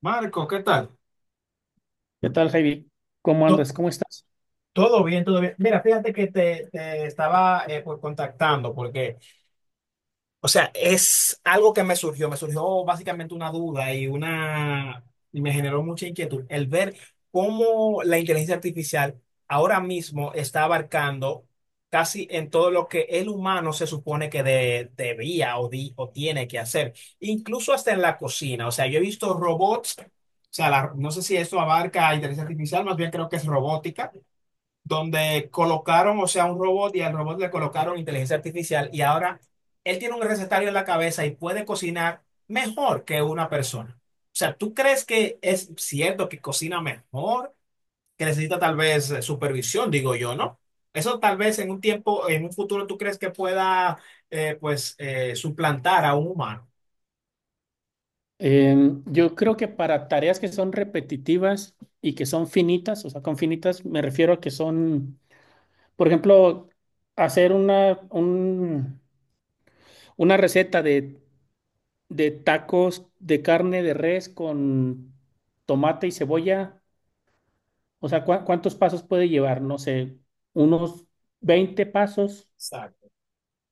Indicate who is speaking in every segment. Speaker 1: Marcos, ¿qué tal?
Speaker 2: ¿Qué tal, Heidi? ¿Cómo
Speaker 1: To-
Speaker 2: andas? ¿Cómo estás?
Speaker 1: Todo bien, todo bien. Mira, fíjate que te estaba contactando porque o sea, es algo que me surgió básicamente una duda y una y me generó mucha inquietud el ver cómo la inteligencia artificial ahora mismo está abarcando casi en todo lo que el humano se supone que debía o tiene que hacer, incluso hasta en la cocina. O sea, yo he visto robots, o sea, no sé si esto abarca inteligencia artificial, más bien creo que es robótica donde colocaron, o sea, un robot y al robot le colocaron inteligencia artificial y ahora él tiene un recetario en la cabeza y puede cocinar mejor que una persona. O sea, ¿tú crees que es cierto que cocina mejor, que necesita tal vez supervisión, digo yo, ¿no? Eso tal vez en un tiempo, en un futuro, ¿tú crees que pueda, suplantar a un humano?
Speaker 2: Yo creo que para tareas que son repetitivas y que son finitas, o sea, con finitas me refiero a que son, por ejemplo, hacer una receta de tacos de carne de res con tomate y cebolla. O sea, ¿cuántos pasos puede llevar? No sé, unos 20 pasos.
Speaker 1: Exacto.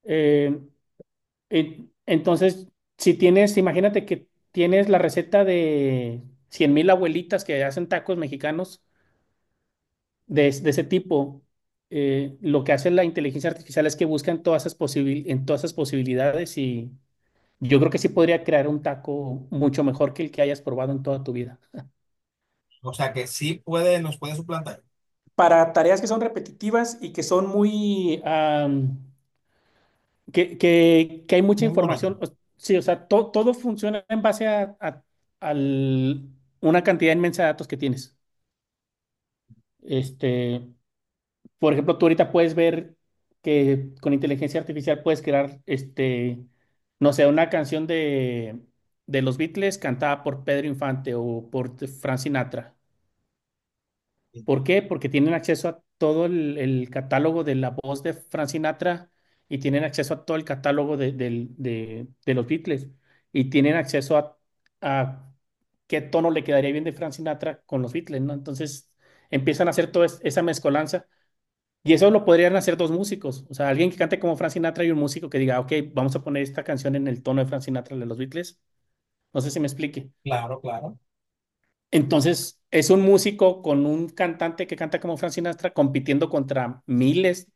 Speaker 2: Em, Entonces, si tienes, imagínate que tienes la receta de 100.000 abuelitas que hacen tacos mexicanos de ese tipo, lo que hace la inteligencia artificial es que buscan en todas esas posibilidades y yo creo que sí podría crear un taco mucho mejor que el que hayas probado en toda tu vida.
Speaker 1: O sea, que sí puede, nos puede suplantar.
Speaker 2: Para tareas que son repetitivas y que son que hay mucha
Speaker 1: Muy monótono.
Speaker 2: información. Sí, o sea, todo funciona en base al- una cantidad inmensa de datos que tienes. Este, por ejemplo, tú ahorita puedes ver que con inteligencia artificial puedes crear, este, no sé, una canción de los Beatles cantada por Pedro Infante o por Frank Sinatra.
Speaker 1: Sí.
Speaker 2: ¿Por qué? Porque tienen acceso a todo el catálogo de la voz de Frank Sinatra y tienen acceso a todo el catálogo de los Beatles y tienen acceso a qué tono le quedaría bien de Frank Sinatra con los Beatles, ¿no? Entonces empiezan a hacer esa mezcolanza y eso lo podrían hacer dos músicos, o sea, alguien que cante como Frank Sinatra y un músico que diga, ok, vamos a poner esta canción en el tono de Frank Sinatra de los Beatles. No sé si me explique.
Speaker 1: Claro, claro.
Speaker 2: Entonces, es un músico con un cantante que canta como Frank Sinatra compitiendo contra miles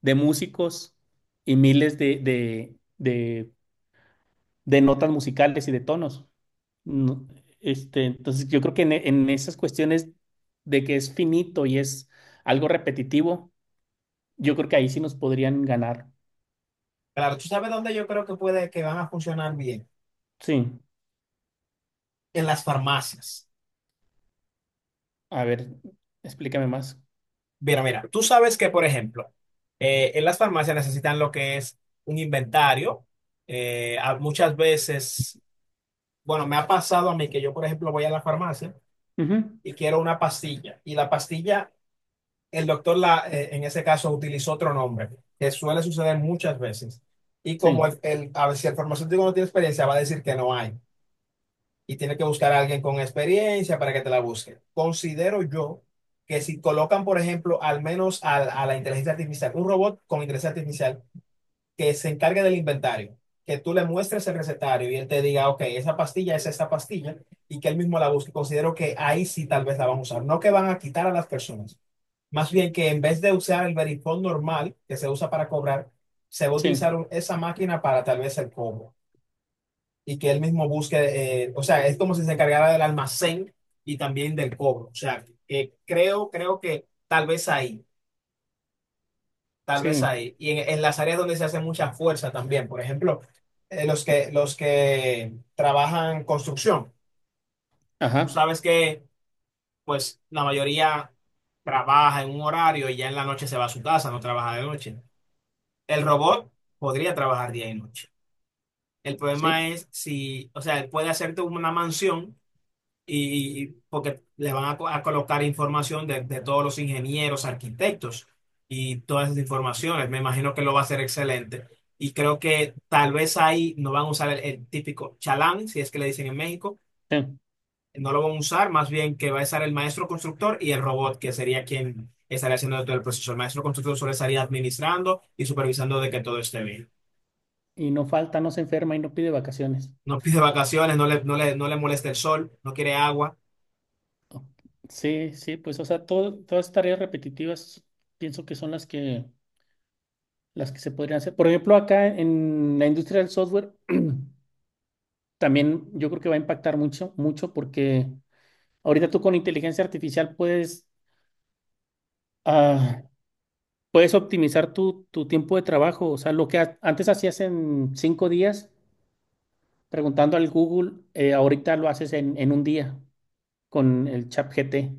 Speaker 2: de músicos y miles de notas musicales y de tonos. No, este, entonces, yo creo que en esas cuestiones de que es finito y es algo repetitivo, yo creo que ahí sí nos podrían ganar.
Speaker 1: Claro, tú sabes dónde yo creo que puede, que van a funcionar bien
Speaker 2: Sí,
Speaker 1: en las farmacias.
Speaker 2: a ver, explícame más.
Speaker 1: Mira, mira, tú sabes que, por ejemplo, en las farmacias necesitan lo que es un inventario. Muchas veces, bueno, me ha pasado a mí que yo, por ejemplo, voy a la farmacia
Speaker 2: Ujú.
Speaker 1: y quiero una pastilla. Y la pastilla, el doctor la, en ese caso utilizó otro nombre, que suele suceder muchas veces. Y
Speaker 2: Sí,
Speaker 1: como a ver, si el farmacéutico no tiene experiencia, va a decir que no hay, y tienes que buscar a alguien con experiencia para que te la busque. Considero yo que si colocan, por ejemplo, al menos la inteligencia artificial, un robot con inteligencia artificial que se encargue del inventario, que tú le muestres el recetario y él te diga, ok, esa pastilla es esta pastilla y que él mismo la busque. Considero que ahí sí tal vez la van a usar, no que van a quitar a las personas. Más bien que en vez de usar el verifone normal que se usa para cobrar, se va a utilizar
Speaker 2: sí,
Speaker 1: esa máquina para tal vez el cobro y que él mismo busque, o sea, es como si se encargara del almacén y también del cobro. O sea, que creo, creo que tal vez ahí, tal vez
Speaker 2: sí,
Speaker 1: ahí. Y en las áreas donde se hace mucha fuerza también, por ejemplo, los que trabajan construcción. Tú
Speaker 2: ajá,
Speaker 1: sabes que, pues, la mayoría trabaja en un horario y ya en la noche se va a su casa, no trabaja de noche. El robot podría trabajar día y noche. El
Speaker 2: sí,
Speaker 1: problema es si, o sea, él puede hacerte una mansión y porque le van a, a colocar información de todos los ingenieros, arquitectos y todas esas informaciones. Me imagino que lo va a hacer excelente. Y creo que tal vez ahí no van a usar el típico chalán, si es que le dicen en México,
Speaker 2: sí.
Speaker 1: no lo van a usar, más bien que va a estar el maestro constructor y el robot, que sería quien estaría haciendo todo el proceso. El maestro constructor solo estaría administrando y supervisando de que todo esté bien.
Speaker 2: Y no falta, no se enferma y no pide vacaciones.
Speaker 1: No pide vacaciones, no le, no le, no le molesta el sol, no quiere agua.
Speaker 2: O- Sí, sí, pues, o sea, todo, todas estas tareas repetitivas pienso que son las que se podrían hacer. Por ejemplo, acá en la industria del software también yo creo que va a impactar mucho, mucho porque ahorita tú con inteligencia artificial puedes, ah, puedes optimizar tu tiempo de trabajo. O sea, lo que antes hacías en 5 días preguntando al Google, ahorita lo haces en un día con el Chat G T.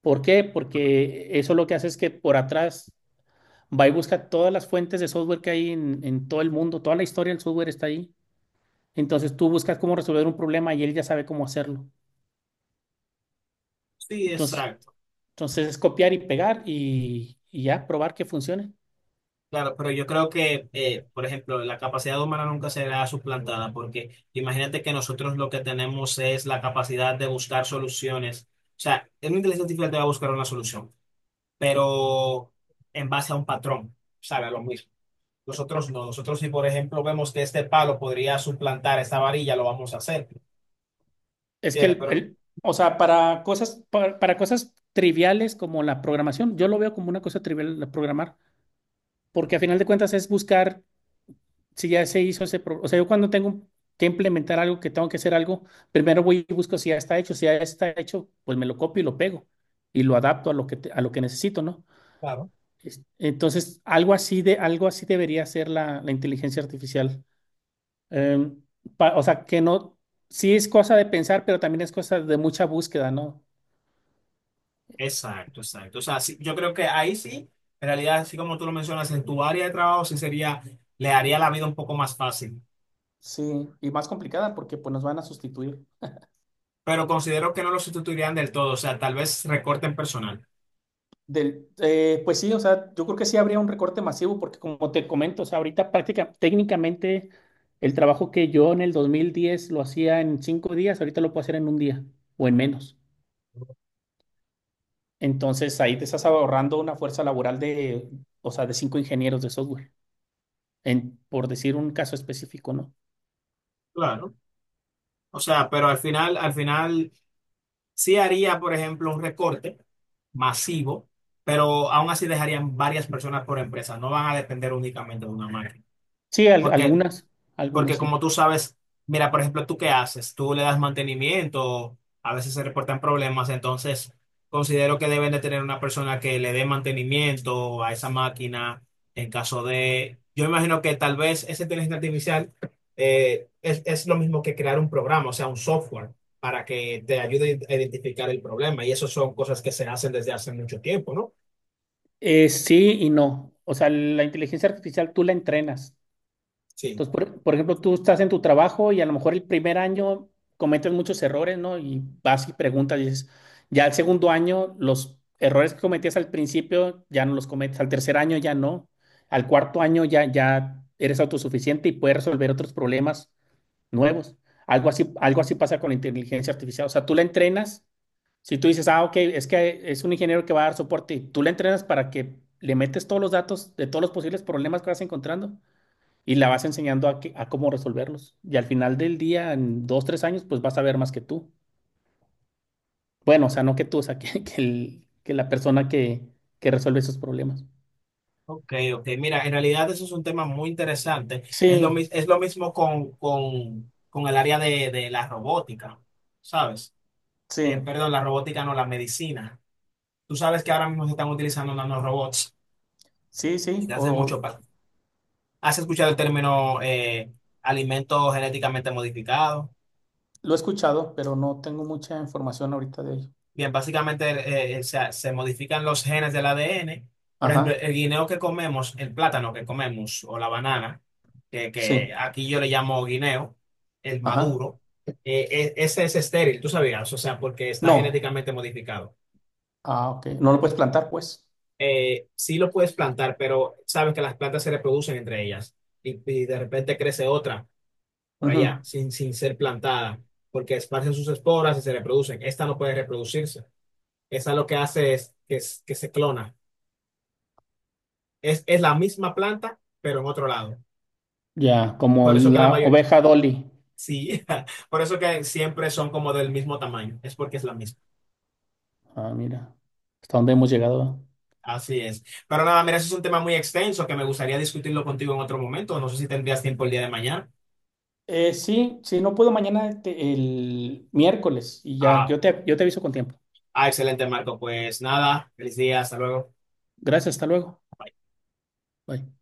Speaker 2: ¿Por qué? Porque eso lo que hace es que por atrás va y busca todas las fuentes de software que hay en todo el mundo, toda la historia del software está ahí. Entonces tú buscas cómo resolver un problema y él ya sabe cómo hacerlo.
Speaker 1: Sí,
Speaker 2: Entonces,
Speaker 1: exacto.
Speaker 2: entonces es copiar y pegar y ya probar que funcione.
Speaker 1: Claro, pero yo creo que, por ejemplo, la capacidad humana nunca será suplantada, porque imagínate que nosotros lo que tenemos es la capacidad de buscar soluciones. O sea, una inteligencia artificial te va a buscar una solución, pero en base a un patrón, sabe, a lo mismo. Nosotros no, nosotros si por ejemplo vemos que este palo podría suplantar esta varilla, lo vamos a hacer,
Speaker 2: Es que
Speaker 1: ¿entiendes? Pero
Speaker 2: o sea, para cosas triviales como la programación, yo lo veo como una cosa trivial la programar, porque a final de cuentas es buscar si ya se hizo o sea, yo cuando tengo que implementar algo, que tengo que hacer algo, primero voy y busco si ya está hecho, si ya está hecho, pues me lo copio y lo pego y lo adapto a lo que a lo que necesito, ¿no?
Speaker 1: claro.
Speaker 2: Entonces, algo así debería ser la inteligencia artificial. Em, o sea, que no, sí es cosa de pensar, pero también es cosa de mucha búsqueda, ¿no?
Speaker 1: Exacto, exacto. O sea, sí, yo creo que ahí sí, en realidad, así como tú lo mencionas, en tu área de trabajo sí sería, le haría la vida un poco más fácil.
Speaker 2: Sí, y más complicada porque pues nos van a sustituir.
Speaker 1: Pero considero que no lo sustituirían del todo, o sea, tal vez recorten personal.
Speaker 2: Pues sí, o sea, yo creo que sí habría un recorte masivo porque como te comento, o sea, ahorita práctica, técnicamente el trabajo que yo en el 2010 lo hacía en 5 días, ahorita lo puedo hacer en un día o en menos. Entonces ahí te estás ahorrando una fuerza laboral de, o sea, de cinco ingenieros de software, en, por decir un caso específico, ¿no?
Speaker 1: Claro. O sea, pero al final sí haría, por ejemplo, un recorte masivo, pero aún así dejarían varias personas por empresa, no van a depender únicamente de una máquina.
Speaker 2: Sí, al-
Speaker 1: Porque,
Speaker 2: algunas, algunas
Speaker 1: porque
Speaker 2: sí.
Speaker 1: como tú sabes, mira, por ejemplo, ¿tú qué haces? Tú le das mantenimiento, a veces se reportan problemas, entonces considero que deben de tener una persona que le dé mantenimiento a esa máquina en caso de... Yo imagino que tal vez esa inteligencia artificial es lo mismo que crear un programa, o sea, un software para que te ayude a identificar el problema. Y eso son cosas que se hacen desde hace mucho tiempo, ¿no?
Speaker 2: Sí y no. O sea, la inteligencia artificial tú la entrenas.
Speaker 1: Sí.
Speaker 2: Entonces, por ejemplo, tú estás en tu trabajo y a lo mejor el primer año cometes muchos errores, ¿no? Y vas y preguntas y dices, ya el segundo año, los errores que cometías al principio ya no los cometes, al tercer año ya no, al cuarto año ya, ya eres autosuficiente y puedes resolver otros problemas nuevos. Algo así pasa con la inteligencia artificial. O sea, tú la entrenas, si tú dices, ah, ok, es que es un ingeniero que va a dar soporte, y tú la entrenas para que le metes todos los datos de todos los posibles problemas que vas encontrando y la vas enseñando a, a cómo resolverlos. Y al final del día, en dos, tres años, pues vas a ver más que tú. Bueno, o sea, no que tú, o sea, que la persona que resuelve esos problemas.
Speaker 1: Ok, ok. Mira, en realidad eso es un tema muy interesante. Es lo,
Speaker 2: Sí,
Speaker 1: es lo mismo con el área de la robótica, ¿sabes?
Speaker 2: sí,
Speaker 1: Perdón, la robótica no, la medicina. Tú sabes que ahora mismo se están utilizando nanorobots
Speaker 2: sí,
Speaker 1: y
Speaker 2: sí,
Speaker 1: te hace
Speaker 2: o
Speaker 1: ¿has escuchado el término alimentos genéticamente modificados?
Speaker 2: lo he escuchado, pero no tengo mucha información ahorita de ello.
Speaker 1: Bien, básicamente se, se modifican los genes del ADN. Por ejemplo,
Speaker 2: Ajá,
Speaker 1: el guineo que comemos, el plátano que comemos o la banana, que
Speaker 2: sí,
Speaker 1: aquí yo le llamo guineo, el
Speaker 2: ajá.
Speaker 1: maduro, eh, ese es estéril, tú sabías, o sea, porque está
Speaker 2: No,
Speaker 1: genéticamente modificado.
Speaker 2: ah, ok, no lo puedes plantar, pues.
Speaker 1: Sí lo puedes plantar, pero sabes que las plantas se reproducen entre ellas y de repente crece otra por allá
Speaker 2: Ujú.
Speaker 1: sin, sin ser plantada, porque esparcen sus esporas y se reproducen. Esta no puede reproducirse. Esa lo que hace es que, que se clona. Es la misma planta, pero en otro lado.
Speaker 2: Ya, como
Speaker 1: Por eso que la
Speaker 2: la
Speaker 1: mayoría,
Speaker 2: oveja Dolly.
Speaker 1: sí, por eso que siempre son como del mismo tamaño. Es porque es la misma.
Speaker 2: Ah, mira, hasta dónde hemos llegado.
Speaker 1: Así es. Pero nada, mira, eso es un tema muy extenso que me gustaría discutirlo contigo en otro momento. No sé si tendrías tiempo el día de mañana.
Speaker 2: Sí, si no puedo mañana, el miércoles y ya,
Speaker 1: Ah,
Speaker 2: yo te aviso con tiempo.
Speaker 1: ah, excelente, Marco. Pues nada, feliz día, hasta luego.
Speaker 2: Gracias, hasta luego. Bye.